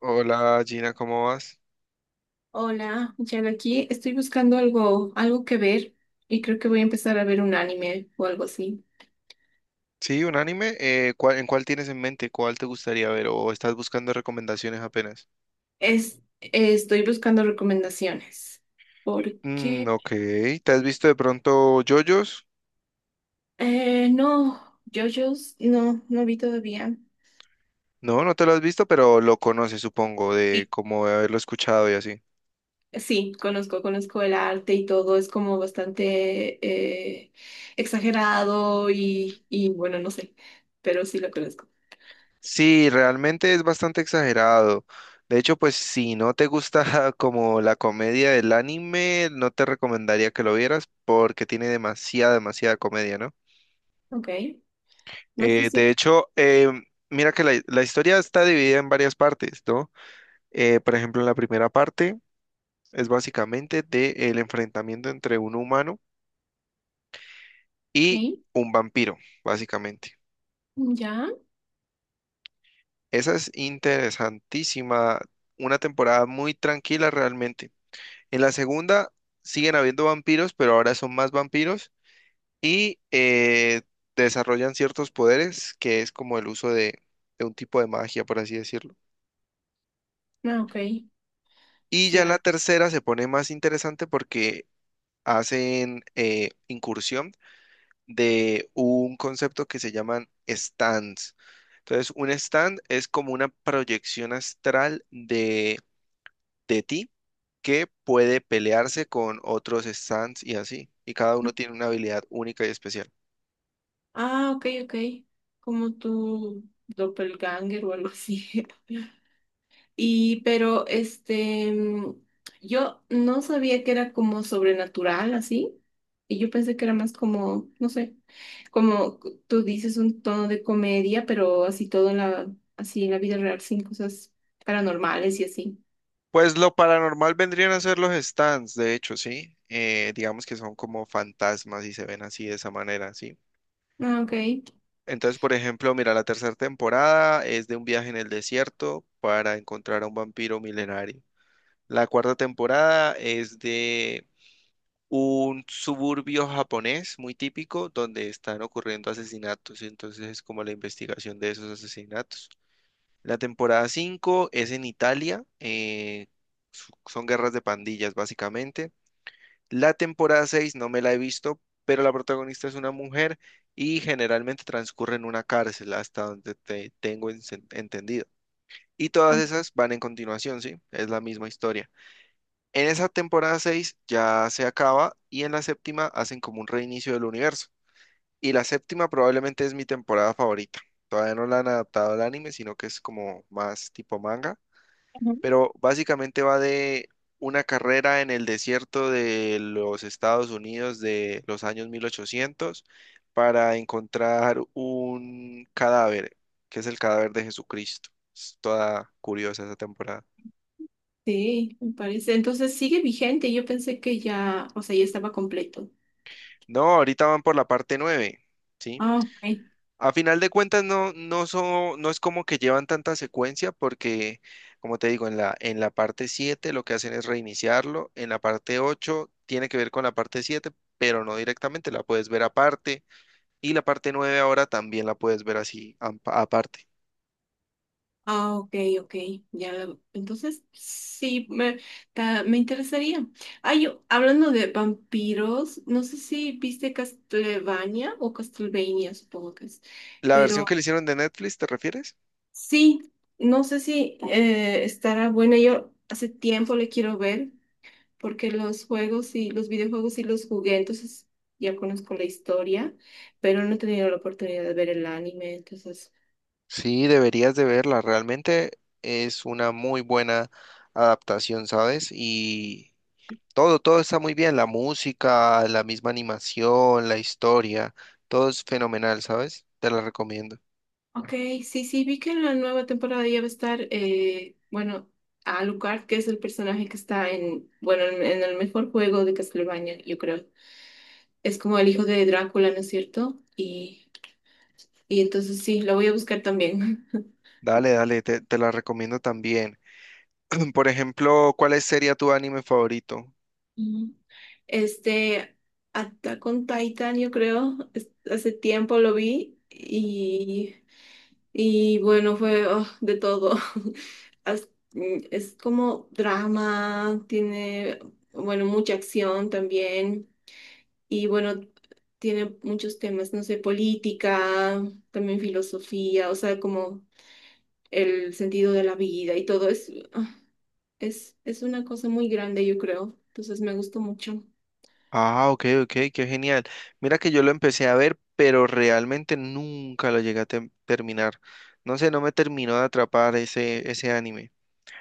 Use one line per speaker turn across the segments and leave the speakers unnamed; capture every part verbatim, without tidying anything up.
Hola Gina, ¿cómo vas?
Hola, Jan aquí. Estoy buscando algo, algo que ver y creo que voy a empezar a ver un anime o algo así.
Sí, un anime. Eh, ¿cuál- ¿en cuál tienes en mente? ¿Cuál te gustaría ver? ¿O estás buscando recomendaciones apenas?
Es, estoy buscando recomendaciones
Mm,
porque
ok. ¿Te has visto de pronto JoJo's?
eh, no, JoJo's no, no vi todavía.
No, no te lo has visto, pero lo conoces, supongo, de
Y
como de haberlo escuchado y así.
sí, conozco, conozco el arte y todo, es como bastante eh, exagerado y, y bueno, no sé, pero sí lo conozco.
Sí, realmente es bastante exagerado. De hecho, pues si no te gusta como la comedia del anime, no te recomendaría que lo vieras porque tiene demasiada, demasiada comedia, ¿no?
Ok, no sé
Eh,
si...
de hecho, eh, mira que la, la historia está dividida en varias partes, ¿no? Eh, por ejemplo, la primera parte es básicamente del enfrentamiento entre un humano
Ok,
y un vampiro, básicamente.
ya.
Esa es interesantísima, una temporada muy tranquila realmente. En la segunda siguen habiendo vampiros, pero ahora son más vampiros y eh, desarrollan ciertos poderes, que es como el uso de de un tipo de magia, por así decirlo.
Ah, ok,
Y ya en la
ya.
tercera se pone más interesante porque hacen eh, incursión de un concepto que se llaman stands. Entonces, un stand es como una proyección astral de, de ti que puede pelearse con otros stands y así. Y cada uno tiene una habilidad única y especial.
Ah, ok, ok. Como tu doppelganger o algo así. Y pero este, mm, yo no sabía que era como sobrenatural así. Y yo pensé que era más como, no sé, como c- tú dices un tono de comedia, pero así todo en la, así en la vida real, sin cosas paranormales y así.
Pues lo paranormal vendrían a ser los stands, de hecho, sí. Eh, digamos que son como fantasmas y se ven así de esa manera, sí.
Ah, ok.
Entonces, por ejemplo, mira, la tercera temporada es de un viaje en el desierto para encontrar a un vampiro milenario. La cuarta temporada es de un suburbio japonés muy típico donde están ocurriendo asesinatos, y entonces es como la investigación de esos asesinatos. La temporada cinco es en Italia, eh, su- son guerras de pandillas básicamente. La temporada seis no me la he visto, pero la protagonista es una mujer y generalmente transcurre en una cárcel, hasta donde te tengo ense- entendido. Y todas
Ah,
esas van en continuación, ¿sí? Es la misma historia. En esa temporada seis ya se acaba y en la séptima hacen como un reinicio del universo. Y la séptima probablemente es mi temporada favorita. Todavía no la han adaptado al anime, sino que es como más tipo manga,
ujú.
pero básicamente va de una carrera en el desierto de los Estados Unidos de los años mil ochocientos para encontrar un cadáver, que es el cadáver de Jesucristo. Es toda curiosa esa temporada.
Sí, me parece. Entonces sigue vigente. Yo pensé que ya, o sea, ya estaba completo.
No, ahorita van por la parte nueve, ¿sí?
Ah, ok.
A final de cuentas no, no, so- no es como que llevan tanta secuencia porque, como te digo, en la, en la parte siete lo que hacen es reiniciarlo, en la parte ocho tiene que ver con la parte siete pero no directamente, la puedes ver aparte y la parte nueve ahora también la puedes ver así am- aparte.
Ah, ok, ok. Ya lo- Entonces, sí, me, ta- me interesaría. Ay, yo- hablando de vampiros, no sé si viste Castlevania o Castlevania, supongo que es.
¿La versión que
Pero
le hicieron de Netflix, te refieres?
sí, no sé si eh, estará buena. Yo hace tiempo le quiero ver, porque los juegos y los videojuegos y los jugué, entonces ya conozco la historia, pero no he tenido la oportunidad de ver el anime, entonces.
Sí, deberías de verla, realmente es una muy buena adaptación, ¿sabes? Y todo, todo está muy bien, la música, la misma animación, la historia, todo es fenomenal, ¿sabes? Te la recomiendo.
Ok, sí, sí, vi que en la nueva temporada ya va a estar, eh, bueno, Alucard, que es el personaje que está en, bueno, en, en el mejor juego de Castlevania, yo creo. Es como el hijo de Drácula, ¿no es cierto? Y, y entonces sí, lo voy a buscar también.
Dale, dale, te, te la recomiendo también. Por ejemplo, ¿cuál es- sería tu anime favorito?
Ujú. Este, Attack on Titan, yo creo, es- hace tiempo lo vi y... Y bueno, fue ah, de todo. As- mm, Es como drama, tiene, bueno, mucha acción también. Y bueno, tiene muchos temas, no sé, política, también filosofía, o sea, como el sentido de la vida y todo. Es, ah, es, es una cosa muy grande, yo creo. Entonces me gustó mucho.
Ah, ok, ok, qué genial. Mira que yo lo empecé a ver, pero realmente nunca lo llegué a tem- terminar. No sé, no me terminó de atrapar ese, ese anime.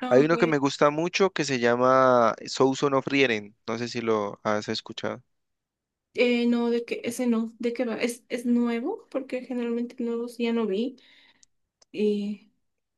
Ah,
Hay uno que me
güey.
gusta mucho que se llama Souls of Frieren. No sé si lo has escuchado.
Eh, no, de que ese no, ¿de qué va? ¿Es, es nuevo? Porque generalmente nuevos ya no vi. Y.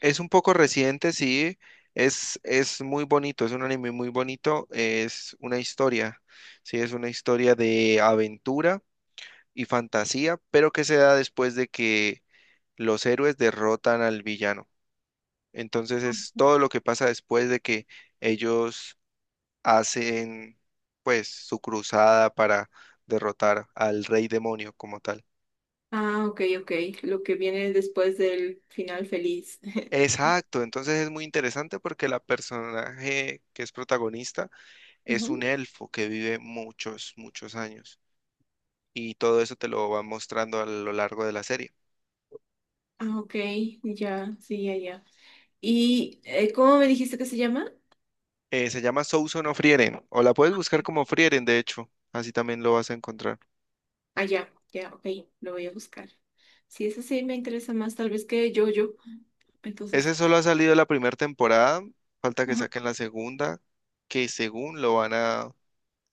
Es un poco reciente, sí. Es, es muy bonito, es un anime muy bonito. Es una historia, sí, es una historia de aventura y fantasía, pero que se da después de que los héroes derrotan al villano. Entonces es todo lo que pasa después de que ellos hacen, pues, su cruzada para derrotar al rey demonio como tal.
Ah, ok, ok. Lo que viene después del final feliz.
Exacto, entonces es muy interesante porque la personaje que es protagonista es un
Ujú.
elfo que vive muchos, muchos años. Y todo eso te lo va mostrando a lo largo de la serie.
Ah, ok, ya, sí, ya, ya. ¿Y eh, cómo me dijiste que se llama?
Eh, se llama Souson of Frieren. O la puedes buscar como Frieren, de hecho. Así también lo vas a encontrar.
Ah, ya, ya, ok, lo voy a buscar. Sí, eso sí me interesa más, tal vez que yo, yo. Entonces,
Ese solo ha salido la primera temporada. Falta que
ajá.
saquen la segunda, que según lo van a,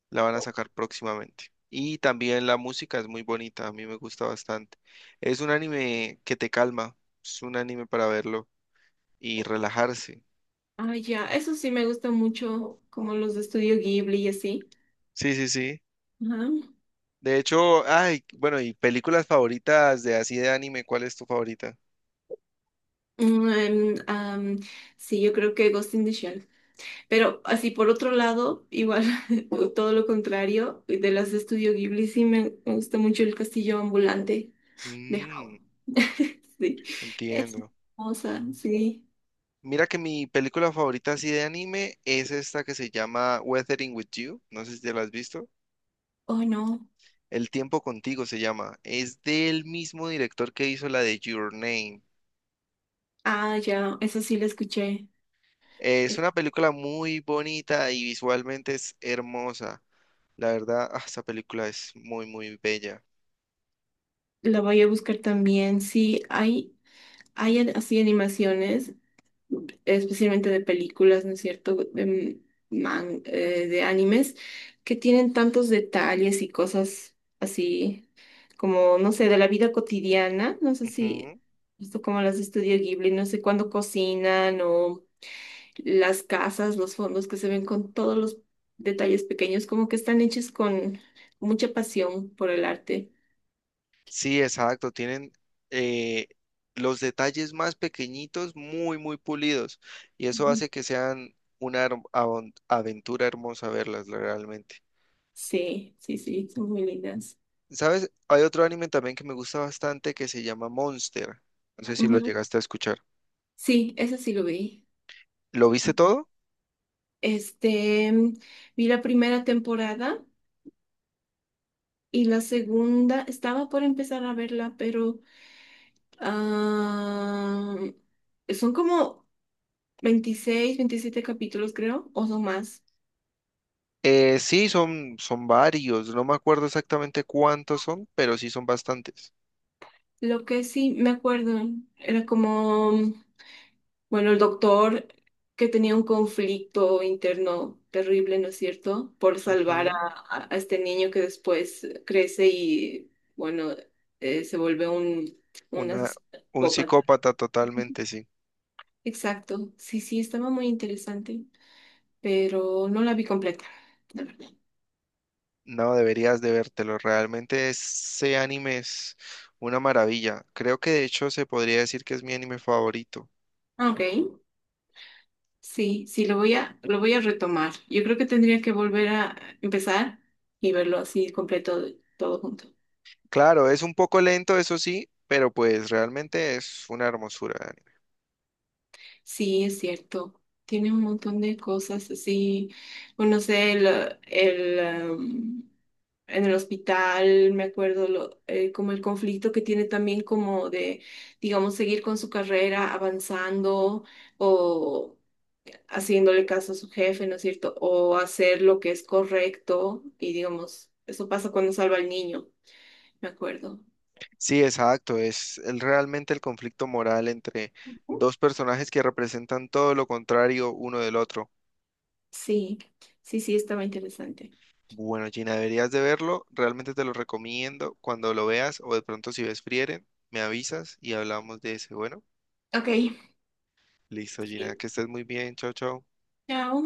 la van a sacar próximamente. Y también la música es muy bonita, a mí me gusta bastante. Es un anime que te calma, es un anime para verlo y relajarse.
Ah, ya, eso sí me gusta mucho, como los de Estudio Ghibli y así.
Sí, sí, sí.
Ajá.
De hecho, ay, bueno, y películas favoritas de así de anime, ¿cuál es tu favorita?
Mm, em, am, sí, yo creo que Ghost in the Shell. Pero así por otro lado, igual o todo lo contrario, de las de Estudio Ghibli sí me me gusta mucho el castillo ambulante de Howl.
Mm,
Sí, es
entiendo.
hermosa, sí.
Mira que mi película favorita así de anime es esta que se llama Weathering with You. No sé si te la has visto.
Oh, no.
El tiempo contigo se llama. Es del mismo director que hizo la de Your Name.
Ah, ya, esa sí la escuché.
Es una película muy bonita y visualmente es hermosa. La verdad, ah, esa película es muy, muy bella.
La voy a buscar también. Sí, hay, hay an- así animaciones, especialmente de películas, ¿no es cierto? De, man- eh, de animes, que tienen tantos detalles y cosas así, como, no sé, de la vida cotidiana, no sé si,
Ujú.
esto como las de Estudio Ghibli, no sé cuándo cocinan o las casas, los fondos que se ven con todos los detalles pequeños, como que están hechos con mucha pasión por el arte.
Sí, exacto. Tienen eh, los detalles más pequeñitos muy, muy pulidos. Y eso
Ujú.
hace que sean una herm- avon- aventura hermosa verlas realmente.
Sí, sí, sí, son muy lindas.
¿Sabes? Hay otro anime también que me gusta bastante que se llama Monster. No sé si lo
Ujú.
llegaste a escuchar.
Sí, eso sí lo vi.
¿Lo viste todo?
Este, vi la primera temporada y la segunda, estaba por empezar a verla, pero ah, son como veintiséis o veintisiete capítulos, creo, o son más.
Eh, sí, son, son varios. No me acuerdo exactamente cuántos son, pero sí son bastantes.
Lo que sí me acuerdo era como, bueno, el doctor que tenía un conflicto interno terrible, ¿no es cierto? Por salvar a,
Ujú.
a- a este niño que después crece y, bueno, eh, se vuelve un, un...
Una, un psicópata totalmente, sí.
Exacto, sí, sí, estaba muy interesante, pero no la vi completa, la verdad.
No, deberías de vértelo. Realmente ese anime es una maravilla. Creo que de hecho se podría decir que es mi anime favorito.
Ok, sí, sí, lo voy a, lo voy a retomar. Yo creo que tendría que volver a empezar y verlo así completo, todo junto.
Claro, es un poco lento, eso sí, pero pues realmente es una hermosura de anime.
Sí, es cierto, tiene un montón de cosas así, bueno, no sé, el, el, um, en el hospital, me acuerdo, lo- eh, como el conflicto que tiene también como de, digamos, seguir con su carrera, avanzando o haciéndole caso a su jefe, ¿no es cierto? O hacer lo que es correcto y digamos, eso pasa cuando salva al niño, me acuerdo.
Sí, exacto. Es el- realmente el conflicto moral entre dos personajes que representan todo lo contrario uno del otro.
Sí, sí, sí, estaba interesante.
Bueno, Gina, deberías de verlo. Realmente te lo recomiendo. Cuando lo veas o de pronto si ves Frieren, me avisas y hablamos de ese. Bueno,
Ok,
listo, Gina.
sí.
Que estés muy bien. Chao, chao.
Chao.